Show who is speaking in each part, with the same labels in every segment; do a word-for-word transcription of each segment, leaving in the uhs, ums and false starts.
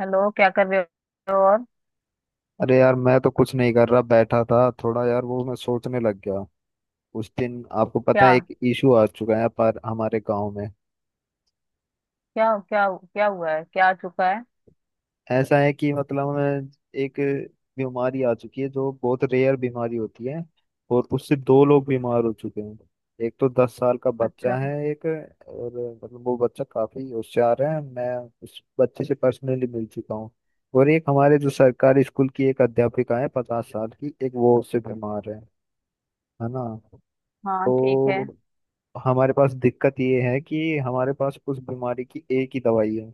Speaker 1: Hello, क्या कर रहे हो? और
Speaker 2: अरे यार, मैं तो कुछ नहीं कर रहा, बैठा था। थोड़ा यार वो मैं सोचने लग गया। उस दिन आपको पता
Speaker 1: क्या?
Speaker 2: है एक इशू आ चुका है पर हमारे गांव में।
Speaker 1: क्या क्या क्या हुआ है? क्या आ चुका है?
Speaker 2: ऐसा है कि मतलब अ, एक बीमारी आ चुकी है जो बहुत रेयर बीमारी होती है। और उससे दो लोग बीमार हो चुके हैं। एक तो दस साल का बच्चा
Speaker 1: अच्छा।
Speaker 2: है, एक और। मतलब वो बच्चा काफी होशियार है, मैं उस बच्चे से पर्सनली मिल चुका हूँ। और एक हमारे जो सरकारी स्कूल की एक अध्यापिका है, पचास साल की, एक वो, उससे बीमार है है ना।
Speaker 1: हाँ, ठीक है।
Speaker 2: तो हमारे पास दिक्कत ये है कि हमारे पास उस बीमारी की एक ही दवाई है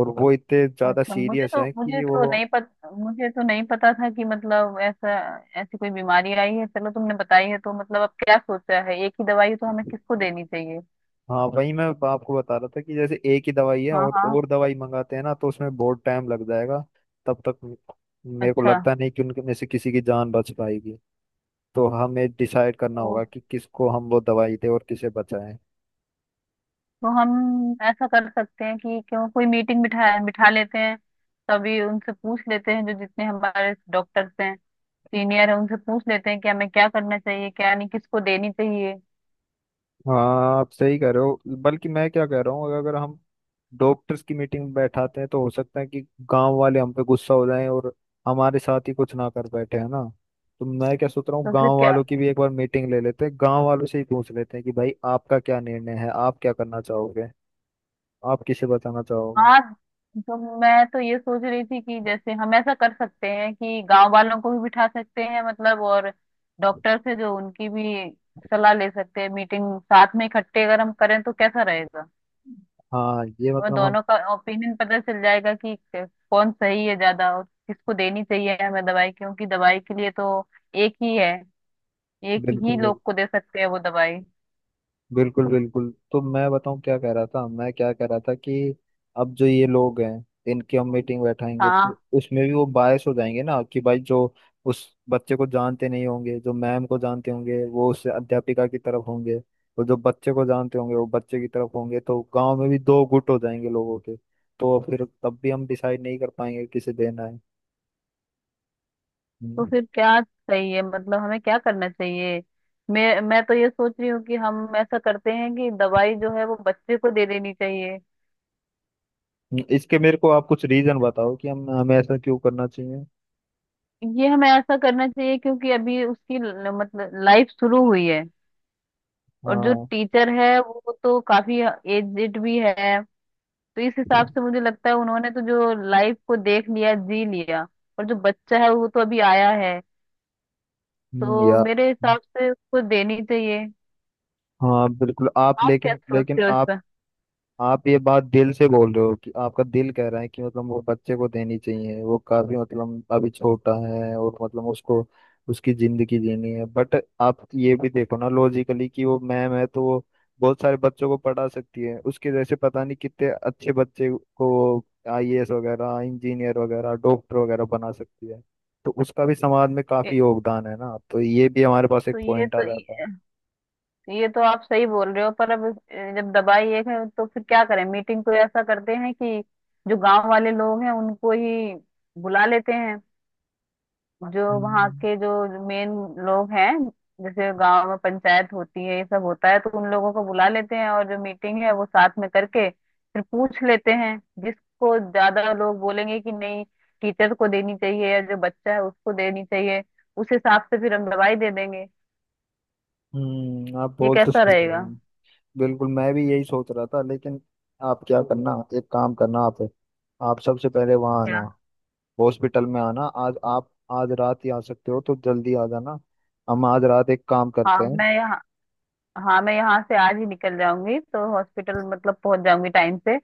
Speaker 2: और वो इतने ज्यादा
Speaker 1: अच्छा, मुझे
Speaker 2: सीरियस
Speaker 1: तो
Speaker 2: है
Speaker 1: मुझे
Speaker 2: कि वो।
Speaker 1: तो नहीं पता, मुझे तो नहीं पता था कि मतलब ऐसा ऐसी कोई बीमारी आई है। चलो, तुमने बताई है। तो मतलब अब क्या सोचा है? एक ही दवाई तो हमें किसको देनी चाहिए?
Speaker 2: हाँ, वही मैं आपको बता रहा था कि जैसे एक ही दवाई है
Speaker 1: हाँ
Speaker 2: और
Speaker 1: हाँ।
Speaker 2: और दवाई मंगाते हैं ना तो उसमें बहुत टाइम लग जाएगा। तब तक मेरे को
Speaker 1: अच्छा,
Speaker 2: लगता नहीं कि उनके में से किसी की जान बच पाएगी। तो हमें डिसाइड करना
Speaker 1: तो
Speaker 2: होगा कि किसको हम वो दवाई दें और किसे बचाएं।
Speaker 1: तो हम ऐसा कर सकते हैं कि क्यों कोई मीटिंग बिठा बिठा लेते हैं, तभी उनसे पूछ लेते हैं जो जितने हमारे डॉक्टर्स हैं, सीनियर है, उनसे पूछ लेते हैं कि हमें क्या करना चाहिए, क्या नहीं, किसको देनी चाहिए।
Speaker 2: हाँ, आप सही कह रहे हो। बल्कि मैं क्या कह रहा हूँ, अगर हम डॉक्टर्स की मीटिंग बैठाते हैं तो हो सकता है कि गांव वाले हम पे गुस्सा हो जाएं और हमारे साथ ही कुछ ना कर बैठे, है ना। तो मैं क्या सोच रहा हूँ,
Speaker 1: तो फिर
Speaker 2: गांव
Speaker 1: क्या?
Speaker 2: वालों की भी एक बार मीटिंग ले लेते हैं, गांव वालों से ही पूछ लेते हैं कि भाई आपका क्या निर्णय है, आप क्या करना चाहोगे, आप किसे बताना चाहोगे।
Speaker 1: हाँ। तो मैं तो ये सोच रही थी कि जैसे हम ऐसा कर सकते हैं कि गांव वालों को भी बिठा सकते हैं मतलब, और डॉक्टर से जो उनकी भी सलाह ले सकते हैं। मीटिंग साथ में इकट्ठे अगर हम करें तो कैसा रहेगा?
Speaker 2: हाँ ये
Speaker 1: हमें
Speaker 2: मतलब हम।
Speaker 1: दोनों का ओपिनियन पता चल जाएगा कि क- कौन सही है ज्यादा और किसको देनी चाहिए हमें दवाई, क्योंकि दवाई के लिए तो एक ही है, एक ही
Speaker 2: बिल्कुल
Speaker 1: लोग को दे सकते हैं वो दवाई।
Speaker 2: बिल्कुल बिल्कुल, तो मैं बताऊं क्या कह रहा था मैं क्या कह रहा था कि अब जो ये लोग हैं, इनकी हम मीटिंग बैठाएंगे तो
Speaker 1: हाँ।
Speaker 2: उसमें भी वो बायस हो जाएंगे ना कि भाई जो उस बच्चे को जानते नहीं होंगे, जो मैम को जानते होंगे वो उस अध्यापिका की तरफ होंगे, और जो बच्चे को जानते होंगे वो बच्चे की तरफ होंगे। तो गांव में भी दो गुट हो जाएंगे लोगों के, तो फिर तब भी हम डिसाइड नहीं कर पाएंगे किसे देना है।
Speaker 1: तो
Speaker 2: हम्म।
Speaker 1: फिर क्या चाहिए मतलब? हमें क्या करना चाहिए? मैं मैं तो ये सोच रही हूँ कि हम ऐसा करते हैं कि दवाई जो है वो बच्चे को दे देनी चाहिए।
Speaker 2: इसके मेरे को आप कुछ रीजन बताओ कि हम हमें ऐसा क्यों करना चाहिए।
Speaker 1: ये हमें ऐसा करना चाहिए क्योंकि अभी उसकी ल- मतलब लाइफ शुरू हुई है। और जो
Speaker 2: हाँ।
Speaker 1: टीचर है वो तो काफी एजेड भी है, तो इस हिसाब से मुझे लगता है उन्होंने तो जो लाइफ को देख लिया, जी लिया, और जो बच्चा है वो तो अभी आया है,
Speaker 2: हम्म,
Speaker 1: तो
Speaker 2: या।
Speaker 1: मेरे हिसाब से उसको देनी चाहिए।
Speaker 2: हाँ बिल्कुल। आप
Speaker 1: आप क्या
Speaker 2: लेकिन लेकिन
Speaker 1: सोचते हो इस
Speaker 2: आप
Speaker 1: पर?
Speaker 2: आप ये बात दिल से बोल रहे हो कि आपका दिल कह रहा है कि मतलब वो बच्चे को देनी चाहिए, वो काफी मतलब अभी छोटा है और मतलब उसको उसकी जिंदगी जीनी है, बट आप ये भी देखो ना लॉजिकली कि वो मैम है तो वो बहुत सारे बच्चों को पढ़ा सकती है, उसके जैसे पता नहीं कितने अच्छे बच्चे को आईएएस वगैरह, इंजीनियर वगैरह, डॉक्टर वगैरह बना सकती है। तो उसका भी समाज में काफी योगदान है ना, तो ये भी हमारे पास
Speaker 1: तो
Speaker 2: एक
Speaker 1: ये
Speaker 2: पॉइंट आ
Speaker 1: तो
Speaker 2: जाता है।
Speaker 1: ये तो आप सही बोल रहे हो, पर अब अ, जब दवाई एक है तो फिर क्या करें? मीटिंग को ऐसा करते हैं कि जो गांव वाले लोग हैं उनको ही बुला लेते हैं, जो वहाँ
Speaker 2: हम्म।
Speaker 1: के जो मेन लोग हैं, जैसे गांव में पंचायत होती है, ये सब होता है, तो उन लोगों को बुला लेते हैं और जो मीटिंग है वो साथ में करके फिर पूछ लेते हैं। जिसको ज्यादा लोग बोलेंगे कि नहीं, टीचर को देनी चाहिए या जो बच्चा है उसको देनी चाहिए, उस हिसाब से फिर हम दवाई दे देंगे।
Speaker 2: हम्म, आप
Speaker 1: ये
Speaker 2: बोल तो
Speaker 1: कैसा
Speaker 2: सही रहे
Speaker 1: रहेगा?
Speaker 2: हो। बिल्कुल, मैं भी यही सोच रहा था, लेकिन आप क्या करना, एक काम करना आप आप सबसे पहले वहाँ आना,
Speaker 1: क्या?
Speaker 2: हॉस्पिटल में आना। आज आप आज रात ही आ सकते हो तो जल्दी आ जाना। हम आज रात एक काम करते
Speaker 1: हाँ
Speaker 2: हैं।
Speaker 1: मैं हाँ, मैं यहाँ से आज ही निकल जाऊंगी तो हॉस्पिटल मतलब पहुंच जाऊंगी टाइम से।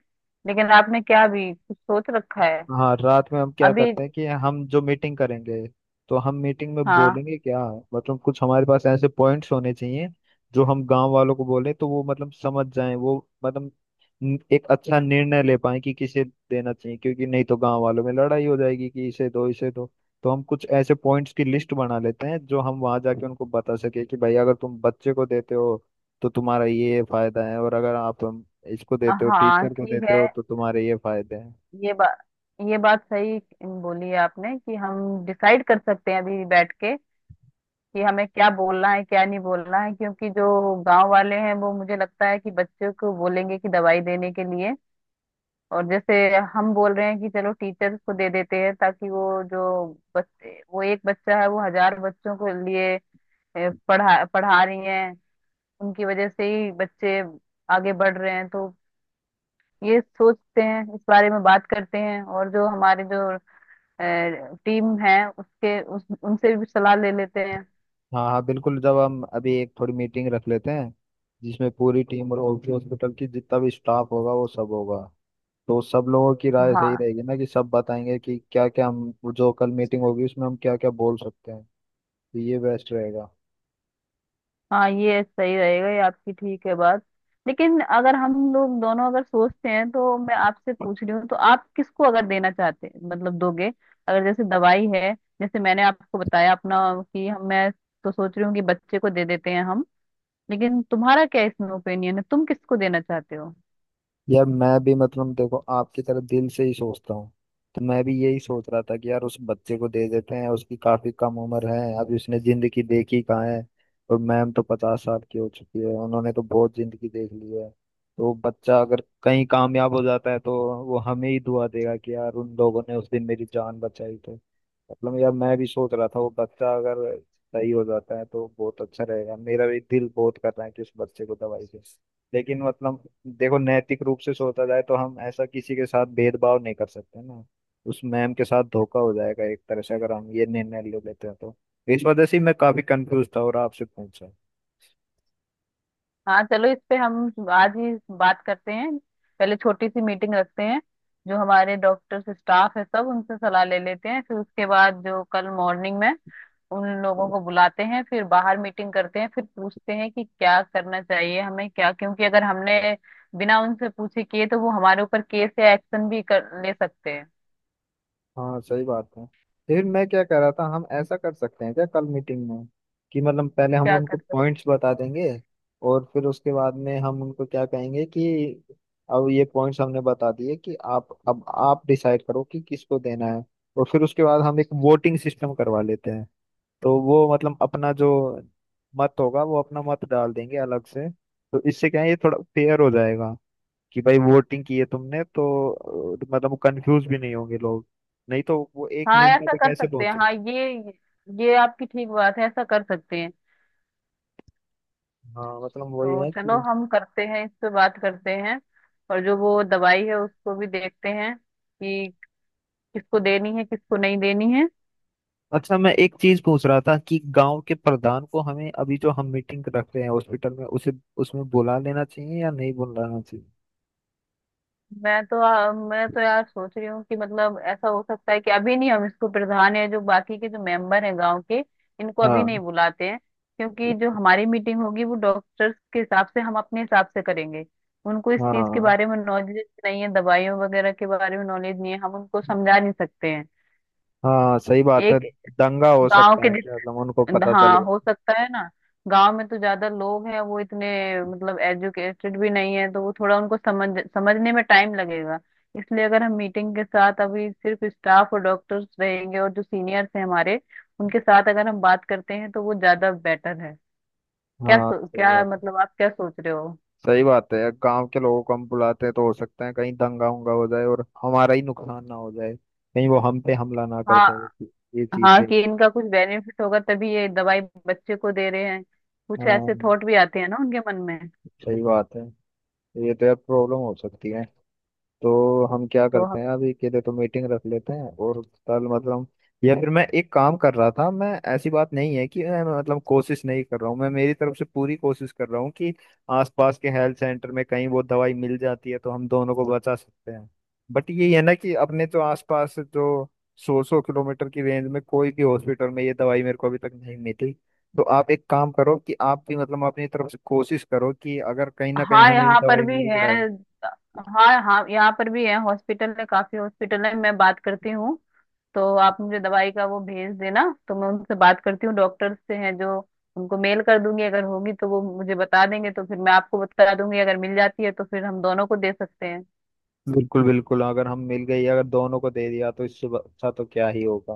Speaker 1: लेकिन आपने क्या अभी कुछ सोच रखा है?
Speaker 2: हाँ, रात में हम क्या
Speaker 1: अभी?
Speaker 2: करते हैं कि हम जो मीटिंग करेंगे तो हम मीटिंग में
Speaker 1: हाँ।
Speaker 2: बोलेंगे क्या। मतलब कुछ हमारे पास ऐसे पॉइंट्स होने चाहिए जो हम गांव वालों को बोलें तो वो मतलब समझ जाएं, वो मतलब न- एक अच्छा निर्णय ले पाए कि किसे देना चाहिए। क्योंकि नहीं तो गांव वालों में लड़ाई हो जाएगी कि इसे दो, इसे दो। तो हम कुछ ऐसे पॉइंट्स की लिस्ट बना लेते हैं जो हम वहां जाके उनको बता सके कि भाई अगर तुम बच्चे को देते हो तो तुम्हारा ये फायदा है, और अगर आप हम, इसको देते हो,
Speaker 1: हाँ,
Speaker 2: टीचर को
Speaker 1: ठीक
Speaker 2: देते
Speaker 1: है।
Speaker 2: हो, तो तुम्हारे ये फायदे हैं।
Speaker 1: ये बात ये बात सही बोली है आपने कि हम डिसाइड कर सकते हैं अभी बैठ के कि हमें क्या बोलना है, क्या नहीं बोलना है, क्योंकि जो गांव वाले हैं वो मुझे लगता है कि बच्चों को बोलेंगे कि दवाई देने के लिए। और जैसे हम बोल रहे हैं कि चलो टीचर्स को दे देते हैं, ताकि वो जो बच्चे, वो एक बच्चा है, वो हजार बच्चों के लिए ए, पढ़ा पढ़ा रही हैं, उनकी वजह से ही बच्चे आगे बढ़ रहे हैं। तो ये सोचते हैं, इस बारे में बात करते हैं, और जो हमारे जो टीम है उसके उस, उनसे भी सलाह ले लेते हैं।
Speaker 2: हाँ हाँ बिल्कुल, जब हम अभी एक थोड़ी मीटिंग रख लेते हैं जिसमें पूरी टीम और हॉस्पिटल की जितना भी स्टाफ होगा वो सब होगा, तो सब लोगों की राय सही
Speaker 1: हाँ।
Speaker 2: रहेगी ना कि सब बताएंगे कि क्या क्या, हम जो कल मीटिंग होगी उसमें हम क्या क्या बोल सकते हैं। तो ये बेस्ट रहेगा।
Speaker 1: हाँ, ये सही रहेगा, ये आपकी ठीक है बात। लेकिन अगर हम लोग दोनों अगर सोचते हैं, तो मैं आपसे पूछ रही हूँ, तो आप किसको अगर देना चाहते हैं मतलब दोगे? अगर जैसे दवाई है, जैसे मैंने आपको बताया अपना कि हम मैं तो सोच रही हूँ कि बच्चे को दे देते हैं हम। लेकिन तुम्हारा क्या इसमें ओपिनियन है? तुम किसको देना चाहते हो?
Speaker 2: यार मैं भी मतलब देखो आपकी तरह दिल से ही सोचता हूँ। तो मैं भी यही सोच रहा था कि यार उस बच्चे को दे देते हैं, उसकी काफी कम उम्र है, अभी उसने जिंदगी देखी कहाँ है। और मैम तो पचास साल की हो चुकी है, उन्होंने तो बहुत जिंदगी देख ली है। तो बच्चा अगर कहीं कामयाब हो जाता है तो वो हमें ही दुआ देगा कि यार उन लोगों ने उस दिन मेरी जान बचाई। तो मतलब यार मैं भी सोच रहा था वो बच्चा अगर सही हो जाता है तो बहुत अच्छा रहेगा। मेरा भी दिल बहुत कर रहा है कि उस बच्चे को दवाई दे। लेकिन मतलब देखो नैतिक रूप से सोचा जाए तो हम ऐसा किसी के साथ भेदभाव नहीं कर सकते ना। उस मैम के साथ धोखा हो जाएगा एक तरह से, अगर हम ये निर्णय ले लेते हैं तो। इस वजह से मैं काफी कंफ्यूज था और आपसे पूछा।
Speaker 1: हाँ, चलो इस पे हम आज ही बात करते हैं। पहले छोटी सी मीटिंग रखते हैं, जो हमारे डॉक्टर्स स्टाफ है सब, उनसे सलाह ले लेते हैं। फिर उसके बाद जो कल मॉर्निंग में उन लोगों को बुलाते हैं, फिर बाहर मीटिंग करते हैं, फिर पूछते हैं कि क्या करना चाहिए हमें, क्या। क्योंकि अगर हमने बिना उनसे पूछे किए तो वो हमारे ऊपर केस या एक्शन भी कर ले सकते हैं।
Speaker 2: हाँ, सही बात है। लेकिन मैं क्या कह रहा था, हम ऐसा कर सकते हैं क्या कल मीटिंग में कि मतलब पहले हम
Speaker 1: क्या कर
Speaker 2: उनको
Speaker 1: सकते?
Speaker 2: पॉइंट्स बता देंगे, और फिर उसके बाद में हम उनको क्या कहेंगे कि अब ये पॉइंट्स हमने बता दिए, कि आप, अब आप डिसाइड करो कि किसको देना है। और फिर उसके बाद हम एक वोटिंग सिस्टम करवा लेते हैं, तो वो मतलब अपना जो मत होगा वो अपना मत डाल देंगे अलग से। तो इससे क्या है, ये थोड़ा फेयर हो जाएगा कि भाई वोटिंग की है तुमने तो अ, मतलब कंफ्यूज भी नहीं होंगे लोग। नहीं तो वो एक
Speaker 1: हाँ,
Speaker 2: निर्णय
Speaker 1: ऐसा
Speaker 2: पे
Speaker 1: कर
Speaker 2: कैसे
Speaker 1: सकते हैं।
Speaker 2: पहुंचे।
Speaker 1: हाँ ये ये आपकी ठीक बात है, ऐसा कर सकते हैं।
Speaker 2: हाँ मतलब वही
Speaker 1: तो
Speaker 2: है
Speaker 1: चलो,
Speaker 2: कि।
Speaker 1: हम करते हैं, इस पे बात करते हैं, और जो वो दवाई है उसको भी देखते हैं कि किसको देनी है, किसको नहीं देनी है।
Speaker 2: अच्छा, मैं एक चीज पूछ रहा था कि गांव के प्रधान को, हमें अभी जो हम मीटिंग रख रहे हैं हॉस्पिटल में, उसे उसमें बुला लेना चाहिए या नहीं बुलाना चाहिए।
Speaker 1: मैं तो आ, मैं तो यार सोच रही हूँ कि मतलब ऐसा हो सकता है कि अभी नहीं, हम इसको प्रधान या जो बाकी के जो मेंबर हैं गांव के, इनको अभी
Speaker 2: हाँ।
Speaker 1: नहीं बुलाते हैं, क्योंकि जो हमारी मीटिंग होगी वो डॉक्टर्स के हिसाब से, हम अपने हिसाब से करेंगे। उनको इस चीज के
Speaker 2: हाँ।
Speaker 1: बारे में नॉलेज नहीं है, दवाइयों वगैरह के बारे में नॉलेज नहीं है, हम उनको समझा नहीं सकते हैं।
Speaker 2: हाँ सही बात है।
Speaker 1: एक
Speaker 2: दंगा हो
Speaker 1: गांव
Speaker 2: सकता
Speaker 1: के,
Speaker 2: है क्या, मतलब उनको पता चल
Speaker 1: हाँ
Speaker 2: गया।
Speaker 1: हो सकता है ना। गांव में तो ज्यादा लोग हैं, वो इतने मतलब एजुकेटेड भी नहीं है, तो वो थोड़ा उनको समझ समझने में टाइम लगेगा। इसलिए अगर हम मीटिंग के साथ अभी सिर्फ स्टाफ और डॉक्टर्स रहेंगे और जो सीनियर्स हैं हमारे, उनके साथ अगर हम बात करते हैं तो वो ज्यादा बेटर है। क्या
Speaker 2: हाँ
Speaker 1: सो,
Speaker 2: सही
Speaker 1: क्या
Speaker 2: बात,
Speaker 1: मतलब आप क्या सोच रहे हो?
Speaker 2: सही बात है, यार गांव के लोगों को हम बुलाते हैं तो हो सकता है कहीं दंगा उंगा हो जाए और हमारा ही नुकसान ना हो जाए, कहीं वो हम पे हमला ना कर
Speaker 1: हाँ।
Speaker 2: दे। ये चीज
Speaker 1: हाँ,
Speaker 2: है।
Speaker 1: कि इनका कुछ बेनिफिट होगा तभी ये दवाई बच्चे को दे रहे हैं, कुछ
Speaker 2: हाँ
Speaker 1: ऐसे थॉट भी आते हैं ना उनके मन में।
Speaker 2: सही बात है। ये तो यार प्रॉब्लम हो सकती है। तो हम क्या
Speaker 1: तो
Speaker 2: करते हैं, अभी के लिए तो मीटिंग रख लेते हैं और कल मतलब, या फिर मैं एक काम कर रहा था। मैं, ऐसी बात नहीं है कि मैं मतलब कोशिश नहीं कर रहा हूँ, मैं मेरी तरफ से पूरी कोशिश कर रहा हूँ कि आसपास के हेल्थ सेंटर में कहीं वो दवाई मिल जाती है तो हम दोनों को बचा सकते हैं। बट ये है ना कि अपने तो आसपास जो सौ सौ किलोमीटर की रेंज में कोई भी हॉस्पिटल में ये दवाई मेरे को अभी तक नहीं मिली। तो आप एक काम करो कि आप भी मतलब अपनी तरफ से कोशिश करो कि अगर कहीं ना कहीं
Speaker 1: हाँ,
Speaker 2: हमें ये
Speaker 1: यहाँ पर
Speaker 2: दवाई
Speaker 1: भी
Speaker 2: मिल
Speaker 1: है।
Speaker 2: जाए।
Speaker 1: हाँ हाँ, यहाँ पर भी है हॉस्पिटल, है काफी हॉस्पिटल है, मैं बात करती हूँ। तो आप मुझे दवाई का वो भेज देना, तो मैं उनसे बात करती हूँ डॉक्टर से, हैं जो, उनको मेल कर दूंगी। अगर होगी तो वो मुझे बता देंगे, तो फिर मैं आपको बता दूंगी। अगर मिल जाती है तो फिर हम दोनों को दे सकते हैं।
Speaker 2: बिल्कुल बिल्कुल, अगर हम मिल गई अगर दोनों को दे दिया तो इससे ब- अच्छा तो क्या ही होगा।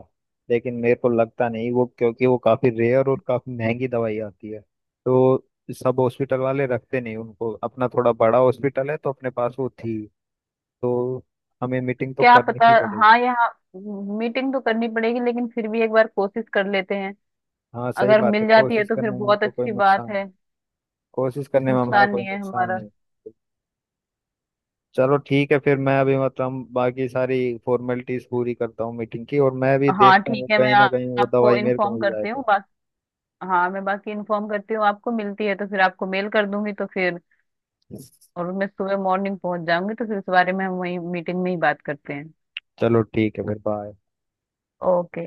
Speaker 2: लेकिन मेरे को लगता नहीं वो, क्योंकि वो काफी रेयर और काफी महंगी दवाई आती है तो सब हॉस्पिटल वाले रखते नहीं उनको, अपना थोड़ा बड़ा हॉस्पिटल है तो अपने पास वो थी। तो हमें मीटिंग तो
Speaker 1: क्या
Speaker 2: करनी
Speaker 1: पता।
Speaker 2: ही पड़ेगी।
Speaker 1: हाँ, यहाँ मीटिंग तो करनी पड़ेगी, लेकिन फिर भी एक बार कोशिश कर लेते हैं।
Speaker 2: हाँ सही
Speaker 1: अगर
Speaker 2: बात है,
Speaker 1: मिल जाती है
Speaker 2: कोशिश
Speaker 1: तो फिर
Speaker 2: करने में
Speaker 1: बहुत
Speaker 2: तो कोई
Speaker 1: अच्छी बात
Speaker 2: नुकसान,
Speaker 1: है।
Speaker 2: कोशिश करने में हमारा
Speaker 1: नुकसान
Speaker 2: कोई
Speaker 1: नहीं है
Speaker 2: नुकसान
Speaker 1: हमारा।
Speaker 2: नहीं। चलो ठीक है, फिर मैं अभी मतलब बाकी सारी फॉर्मेलिटीज पूरी करता हूँ मीटिंग की, और मैं भी
Speaker 1: हाँ
Speaker 2: देखता
Speaker 1: ठीक
Speaker 2: हूँ
Speaker 1: है मैं
Speaker 2: कहीं
Speaker 1: आ,
Speaker 2: ना कहीं वो
Speaker 1: आपको
Speaker 2: दवाई मेरे को
Speaker 1: इन्फॉर्म
Speaker 2: मिल जाए
Speaker 1: करती हूँ।
Speaker 2: तो।
Speaker 1: हाँ, मैं बाकी इन्फॉर्म करती हूँ आपको, मिलती है तो फिर आपको मेल कर दूंगी, तो फिर। और मैं सुबह मॉर्निंग पहुंच जाऊंगी, तो फिर इस बारे में हम वही मीटिंग में ही बात करते हैं।
Speaker 2: चलो ठीक है, फिर बाय।
Speaker 1: ओके।